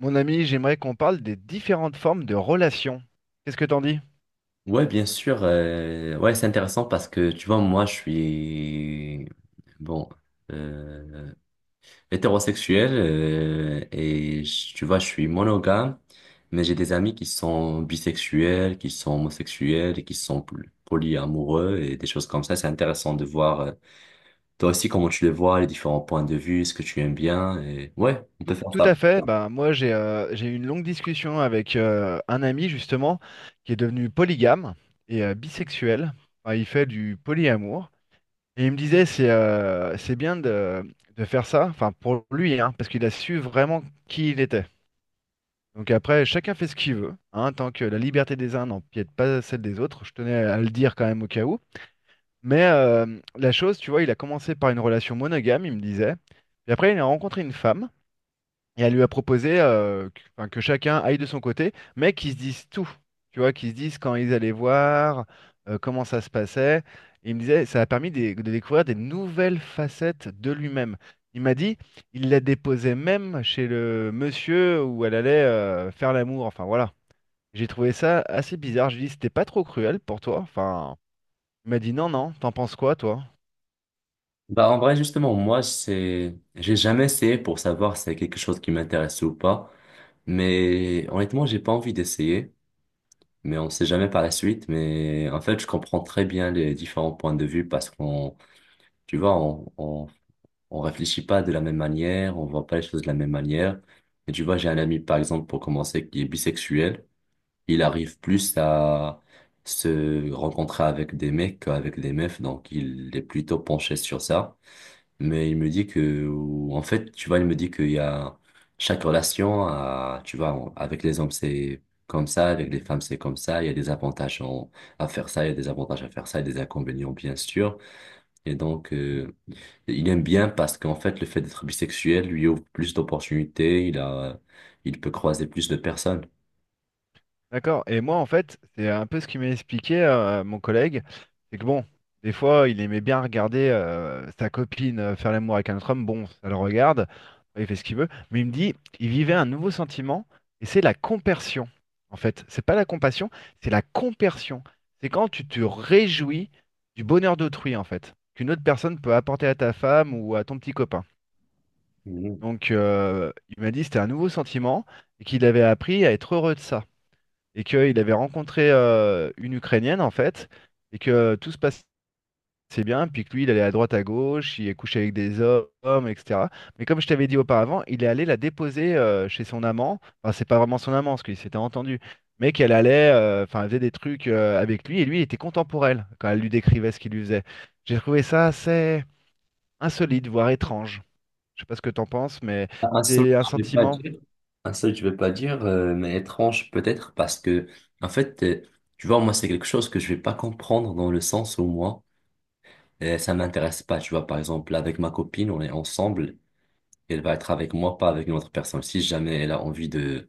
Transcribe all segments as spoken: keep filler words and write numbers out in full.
Mon ami, j'aimerais qu'on parle des différentes formes de relations. Qu'est-ce que t'en dis? Ouais, bien sûr. Euh, ouais, c'est intéressant parce que tu vois, moi, je suis bon euh, hétérosexuel, euh, et je- tu vois, je suis monogame, mais j'ai des amis qui sont bisexuels, qui sont homosexuels, et qui sont poly- polyamoureux et des choses comme ça. C'est intéressant de voir, euh, toi aussi, comment tu les vois, les différents points de vue, ce que tu aimes bien. Et ouais, on Tout, peut faire tout ça. à fait. Bah, moi, j'ai euh, j'ai eu une longue discussion avec euh, un ami, justement, qui est devenu polygame et euh, bisexuel. Enfin, il fait du polyamour. Et il me disait, c'est euh, c'est bien de, de faire ça, enfin, pour lui, hein, parce qu'il a su vraiment qui il était. Donc après, chacun fait ce qu'il veut, hein, tant que la liberté des uns n'empiète pas celle des autres. Je tenais à le dire quand même au cas où. Mais euh, la chose, tu vois, il a commencé par une relation monogame, il me disait. Et après, il a rencontré une femme et elle lui a proposé euh, que, enfin, que chacun aille de son côté, mais qu'ils se disent tout. Tu vois, qu'ils se disent quand ils allaient voir, euh, comment ça se passait. Et il me disait, ça a permis des- de découvrir des nouvelles facettes de lui-même. Il m'a dit, il la déposait même chez le monsieur où elle allait euh, faire l'amour. Enfin voilà. J'ai trouvé ça assez bizarre. Je lui ai dit, c'était pas trop cruel pour toi. Enfin, il m'a dit, non, non, t'en penses quoi, toi? Bah, en vrai, justement, moi, c'est, j'ai jamais essayé pour savoir si c'est quelque chose qui m'intéresse ou pas. Mais honnêtement, j'ai pas envie d'essayer. Mais on sait jamais par la suite. Mais en fait, je comprends très bien les différents points de vue parce qu'on, tu vois, on, on, on réfléchit pas de la même manière, on voit pas les choses de la même manière. Et tu vois, j'ai un ami, par exemple, pour commencer, qui est bisexuel. Il arrive plus à se rencontrer avec des mecs qu'avec des meufs. Donc, il est plutôt penché sur ça. Mais il me dit que, ou- en fait, tu vois, il me dit qu'il y a chaque relation, à, tu vois, en- avec les hommes, c'est comme ça, avec les femmes, c'est comme ça. Il y a des avantages en- à faire ça, il y a des avantages à faire ça, il y a des inconvénients, bien sûr. Et donc, euh, il aime bien parce qu'en fait, le fait d'être bisexuel lui ouvre plus d'opportunités, il a, il peut croiser plus de personnes. D'accord. Et moi, en fait, c'est un peu ce qu'il m'a expliqué, euh, mon collègue. C'est que bon, des fois, il aimait bien regarder euh, sa copine euh, faire l'amour avec un autre homme. Bon, ça le regarde, il fait ce qu'il veut. Mais il me dit, il vivait un nouveau sentiment, et c'est la compersion. En fait, c'est pas la compassion, c'est la compersion. C'est quand tu te réjouis du bonheur d'autrui, en fait, qu'une autre personne peut apporter à ta femme ou à ton petit copain. Mhm. Donc, euh, il m'a dit, c'était un nouveau sentiment, et qu'il avait appris à être heureux de ça et qu'il avait rencontré euh, une Ukrainienne en fait, et que euh, tout se passait bien, puis que lui, il allait à droite à gauche, il est couché avec des hommes, et cetera. Mais comme je t'avais dit auparavant, il est allé la déposer euh, chez son amant, enfin c'est pas vraiment son amant, parce qu'ils s'étaient entendus, mais qu'elle allait, euh, enfin elle faisait des trucs euh, avec lui, et lui, il était content pour elle, quand elle lui décrivait ce qu'il lui faisait. J'ai trouvé ça assez insolite, voire étrange. Je sais pas ce que t'en penses, mais Un seul, c'est un je l'ai pas dit. sentiment. Ah, ça, je vais pas dire, euh, mais étrange peut-être parce que, en fait, euh, tu vois, moi, c'est quelque chose que je vais pas comprendre dans le sens où moi, euh, ça m'intéresse pas. Tu vois, par exemple, avec ma copine, on est ensemble, elle va être avec moi, pas avec une autre personne. Si jamais elle a envie de,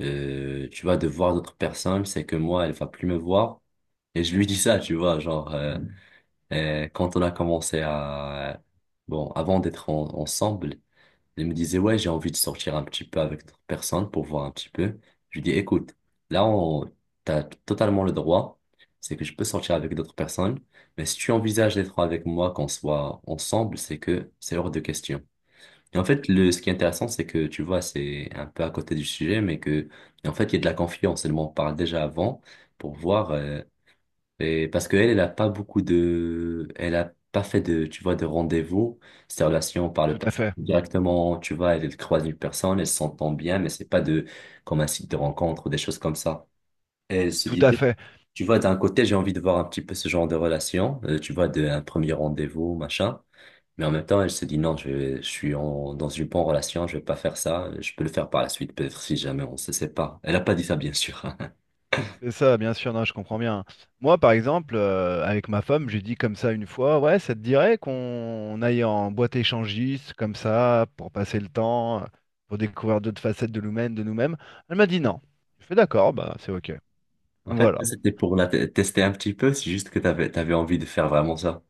euh, tu vois, de voir d'autres personnes, c'est que moi, elle va plus me voir. Et je lui dis ça, tu vois, genre, euh, euh, quand on a commencé à, bon, avant d'être en- ensemble, il me disait, ouais, j'ai envie de sortir un petit peu avec d'autres personnes pour voir un petit peu. Je lui dis, écoute, là, on, t'as totalement le droit. C'est que je peux sortir avec d'autres personnes. Mais si tu envisages d'être avec moi, qu'on soit ensemble, c'est que c'est hors de question. Et en fait, le, ce qui est intéressant, c'est que, tu vois, c'est un peu à côté du sujet, mais que, en fait, il y a de la confiance. Et le on parle déjà avant pour voir, euh, et parce qu'elle, elle n'a pas beaucoup de... Elle a pas fait de, tu vois, de rendez-vous, ces relations par le Tout à passé. fait, Directement, tu vois, elle, elle croise une personne, elle s'entend bien, mais c'est pas de, comme un site de rencontre ou des choses comme ça. Et elle se tout à disait, fait. tu vois, d'un côté, j'ai envie de voir un petit peu ce genre de relation, euh, tu vois, de, un premier rendez-vous, machin. Mais en même temps, elle se dit, non, je, je suis en, dans une bonne relation, je vais pas faire ça, je peux le faire par la suite, peut-être si jamais on se sépare. Elle a pas dit ça, bien sûr, hein. C'est ça, bien sûr, non, je comprends bien. Moi, par exemple, euh, avec ma femme, j'ai dit comme ça une fois, ouais, ça te dirait qu'on on aille en boîte échangiste, comme ça, pour passer le temps, euh, pour découvrir d'autres facettes de nous-mêmes, de nous-mêmes. Elle m'a dit non. Je fais d'accord, bah c'est ok. En fait, Voilà. ça, c'était pour la te- tester un petit peu, c'est juste que t'avais, t'avais envie de faire vraiment ça.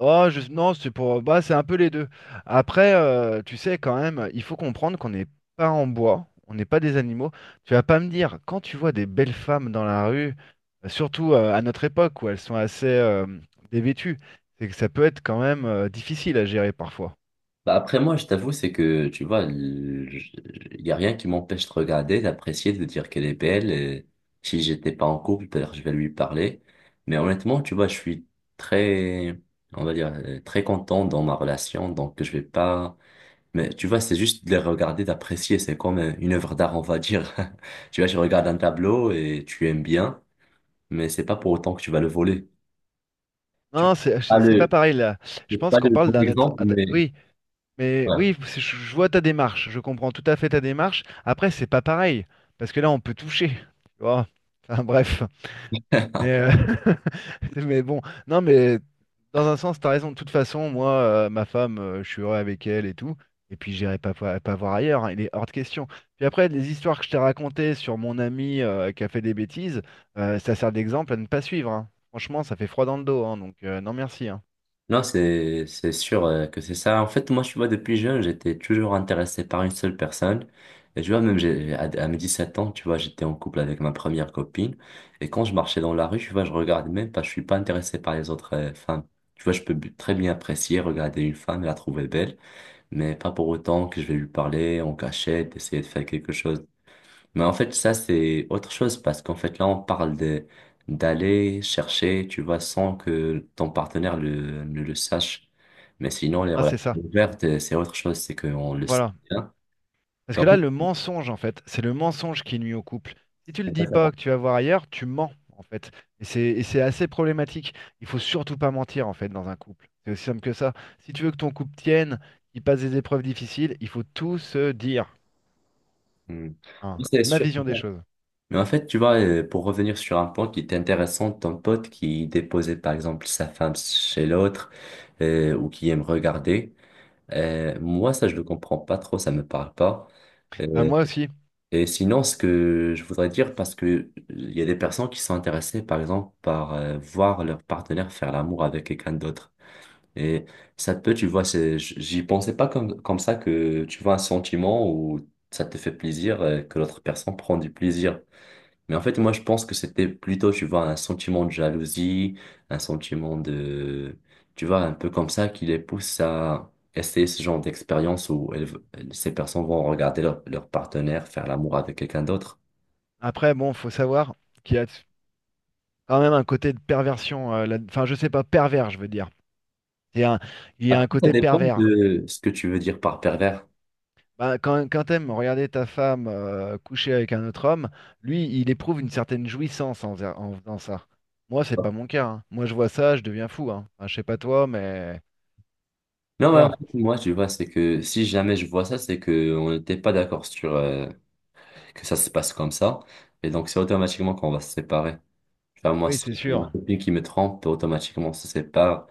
Oh, je- non, c'est pour. Bah, c'est un peu les deux. Après, euh, tu sais, quand même, il faut comprendre qu'on n'est pas en bois, on n'est pas des animaux. Tu vas pas me dire, quand tu vois des belles femmes dans la rue, euh, surtout euh, à notre époque où elles sont assez euh, dévêtues, c'est que ça peut être quand même euh, difficile à gérer parfois. Bah, après, moi, je t'avoue, c'est que, tu vois, il y a rien qui m'empêche de regarder, d'apprécier, de dire qu'elle est belle. Et si j'étais pas en couple, peut-être je vais lui parler. Mais honnêtement, tu vois, je suis très, on va dire, euh, très content dans ma relation, donc je vais pas... Mais tu vois, c'est juste de les regarder, d'apprécier, c'est comme euh, une œuvre d'art, on va dire. Tu vois, tu regardes un tableau et tu aimes bien, mais c'est pas pour autant que tu vas le voler. Tu vas Non, c'est pas c'est- c'est pas le pareil là. Je C'est pense pas qu'on le parle bon d'un être. exemple, ah, d- mais Oui, mais oui, ouais. c'est- je je vois ta démarche, je comprends tout à fait ta démarche. Après, c'est pas pareil, parce que là, on peut toucher. Tu vois. Enfin, bref. Mais, euh, mais bon, non, mais dans un sens, t'as raison. De toute façon, moi, euh, ma femme, euh, je suis heureux avec elle et tout. Et puis, j'irai pas, pas, pas voir ailleurs. Hein, il est hors de question. Puis après, les histoires que je t'ai racontées sur mon ami euh, qui a fait des bêtises, euh, ça sert d'exemple à ne pas suivre. Hein. Franchement, ça fait froid dans le dos. Hein, donc, euh, non, merci. Hein. Non, c'est c'est sûr, euh, que c'est ça. En fait, moi, tu vois, depuis jeune, j'étais toujours intéressé par une seule personne. Et tu vois, même j'ai, à, à mes dix-sept ans, tu vois, j'étais en couple avec ma première copine. Et quand je marchais dans la rue, tu vois, je regardais même pas, je suis pas intéressé par les autres euh, femmes. Tu vois, je peux b- très bien apprécier, regarder une femme et la trouver belle, mais pas pour autant que je vais lui parler en cachette, essayer de faire quelque chose. Mais en fait, ça, c'est autre chose parce qu'en fait, là, on parle de d'aller chercher, tu vois, sans que ton partenaire le, ne le sache. Mais sinon, les Ah, c'est relations ça. ouvertes, euh, c'est autre chose, c'est qu'on le sait Voilà. bien. Parce Et que là, le mensonge, en fait, c'est le mensonge qui nuit au couple. Si tu le c'est pas dis ça. pas que tu vas voir ailleurs, tu mens, en fait. Et c'est et c'est assez problématique. Il faut surtout pas mentir, en fait, dans un couple. C'est aussi simple que ça. Si tu veux que ton couple tienne, qu'il passe des épreuves difficiles, il faut tout se dire. Hmm. Hein. C'est C'est ma sûr. vision des choses. Mais en fait, tu vois, euh, pour revenir sur un point qui était intéressant, ton pote qui déposait, par exemple, sa femme chez l'autre, euh, ou qui aime regarder, euh, moi, ça, je le comprends pas trop, ça me parle pas. Bah, Euh, moi aussi. Et sinon, ce que je voudrais dire, parce que euh, il y a des personnes qui sont intéressées, par exemple, par euh, voir leur partenaire faire l'amour avec quelqu'un d'autre. Et ça peut, tu vois, c'est, j- j'y pensais pas comme, comme ça, que tu vois un sentiment où ça te fait plaisir, euh, que l'autre personne prend du plaisir. Mais en fait, moi, je pense que c'était plutôt, tu vois, un sentiment de jalousie, un sentiment de, tu vois, un peu comme ça qui les pousse à essayer ce genre d'expérience où elles v- ces personnes vont regarder leur, leur partenaire faire l'amour avec quelqu'un d'autre. Après, bon, faut savoir qu'il y a quand même un côté de perversion. euh, là- Enfin, je sais pas, pervers, je veux dire. C'est un- Il y a Après, un ça côté dépend pervers. de ce que tu veux dire par pervers. Bah, quand, quand t'aimes regarder ta femme euh, coucher avec un autre homme, lui, il éprouve une certaine jouissance en, faisant en faisant ça. Moi, c'est pas mon cas. Hein. Moi, je vois ça, je deviens fou. Hein. Enfin, je sais pas toi, mais Non, ouais, en voilà. fait, moi, tu vois, c'est que si jamais je vois ça, c'est que on n'était pas d'accord sur euh, que ça se passe comme ça. Et donc, c'est automatiquement qu'on va se séparer. Enfin, moi, Oui, si c'est j'ai ma sûr. copine qui me trompe, automatiquement, on se sépare.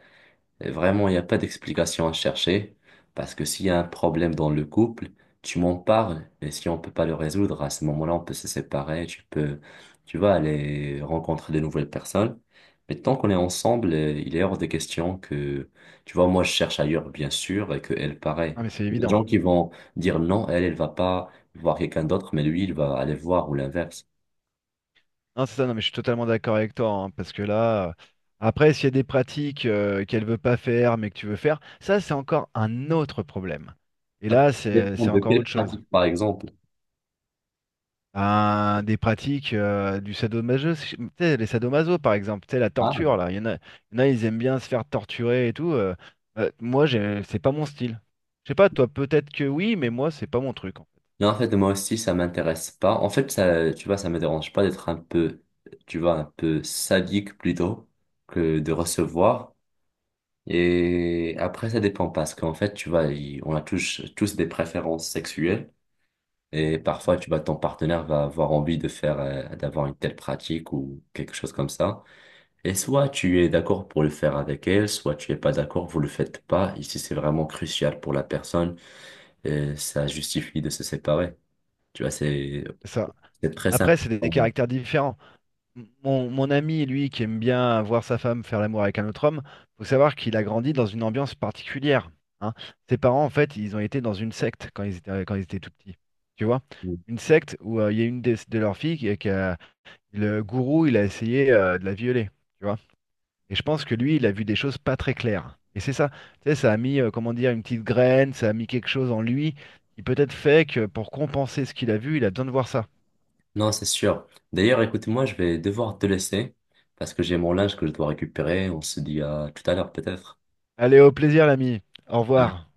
Et vraiment, il n'y a pas d'explication à chercher, parce que s'il y a un problème dans le couple, tu m'en parles et si on peut pas le résoudre, à ce moment-là, on peut se séparer, tu peux, tu vas aller rencontrer de nouvelles personnes. Mais tant qu'on est ensemble, euh, il est hors de question que, tu vois, moi, je cherche ailleurs, bien sûr, et que elle, pareil. Ah, mais c'est Les évident. gens qui vont dire non, elle, elle va pas voir quelqu'un d'autre, mais lui, il va aller voir, ou l'inverse. Non, c'est ça. Non, mais je suis totalement d'accord avec toi, hein, parce que là, euh, après, s'il y a des pratiques euh, qu'elle veut pas faire, mais que tu veux faire, ça, c'est encore un autre problème. Et Ça là, c'est dépend c'est de encore quelle autre chose. pratique, par exemple. Un- des pratiques euh, du sadomaso, si- tu sais, les sadomaso par exemple, tu sais, la torture Hein, là, il y en a, il y en a, ils aiment bien se faire torturer et tout. euh, euh, moi, j'ai- c'est pas mon style. Je sais pas, toi, peut-être que oui, mais moi, c'est pas mon truc. En fait. non, en fait, moi aussi, ça m'intéresse pas. En fait, ça, tu vois, ça me dérange pas d'être un peu, tu vois, un peu sadique plutôt que de recevoir. Et après, ça dépend parce qu'en fait, tu vois, il- on a tous, tous des préférences sexuelles, et parfois, tu vois, ton partenaire va avoir envie de faire, euh, d'avoir une telle pratique ou quelque chose comme ça. Et soit tu es d'accord pour le faire avec elle, soit tu es pas d'accord, vous le faites pas. Ici, c'est vraiment crucial pour la personne, et ça justifie de se séparer. Tu vois, c'est C'est ça. c'est très sympa. Après, c'est des, des caractères différents. Mon, mon ami, lui, qui aime bien voir sa femme faire l'amour avec un autre homme, faut savoir qu'il a grandi dans une ambiance particulière. Hein. Ses parents, en fait, ils ont été dans une secte quand ils étaient, quand ils étaient tout petits. Tu vois? Une secte où euh, il y a une des- de leurs filles qui, qui a- le gourou, il a essayé euh, de la violer. Tu vois? Et je pense que lui, il a vu des choses pas très claires. Et c'est ça. Tu sais, ça a mis, euh, comment dire, une petite graine, ça a mis quelque chose en lui qui peut-être fait que pour compenser ce qu'il a vu, il a besoin de voir ça. Non, c'est sûr. D'ailleurs, écoute-moi, je vais devoir te laisser parce que j'ai mon linge que je dois récupérer. On se dit à tout à l'heure, peut-être. Allez, au plaisir, l'ami. Au revoir.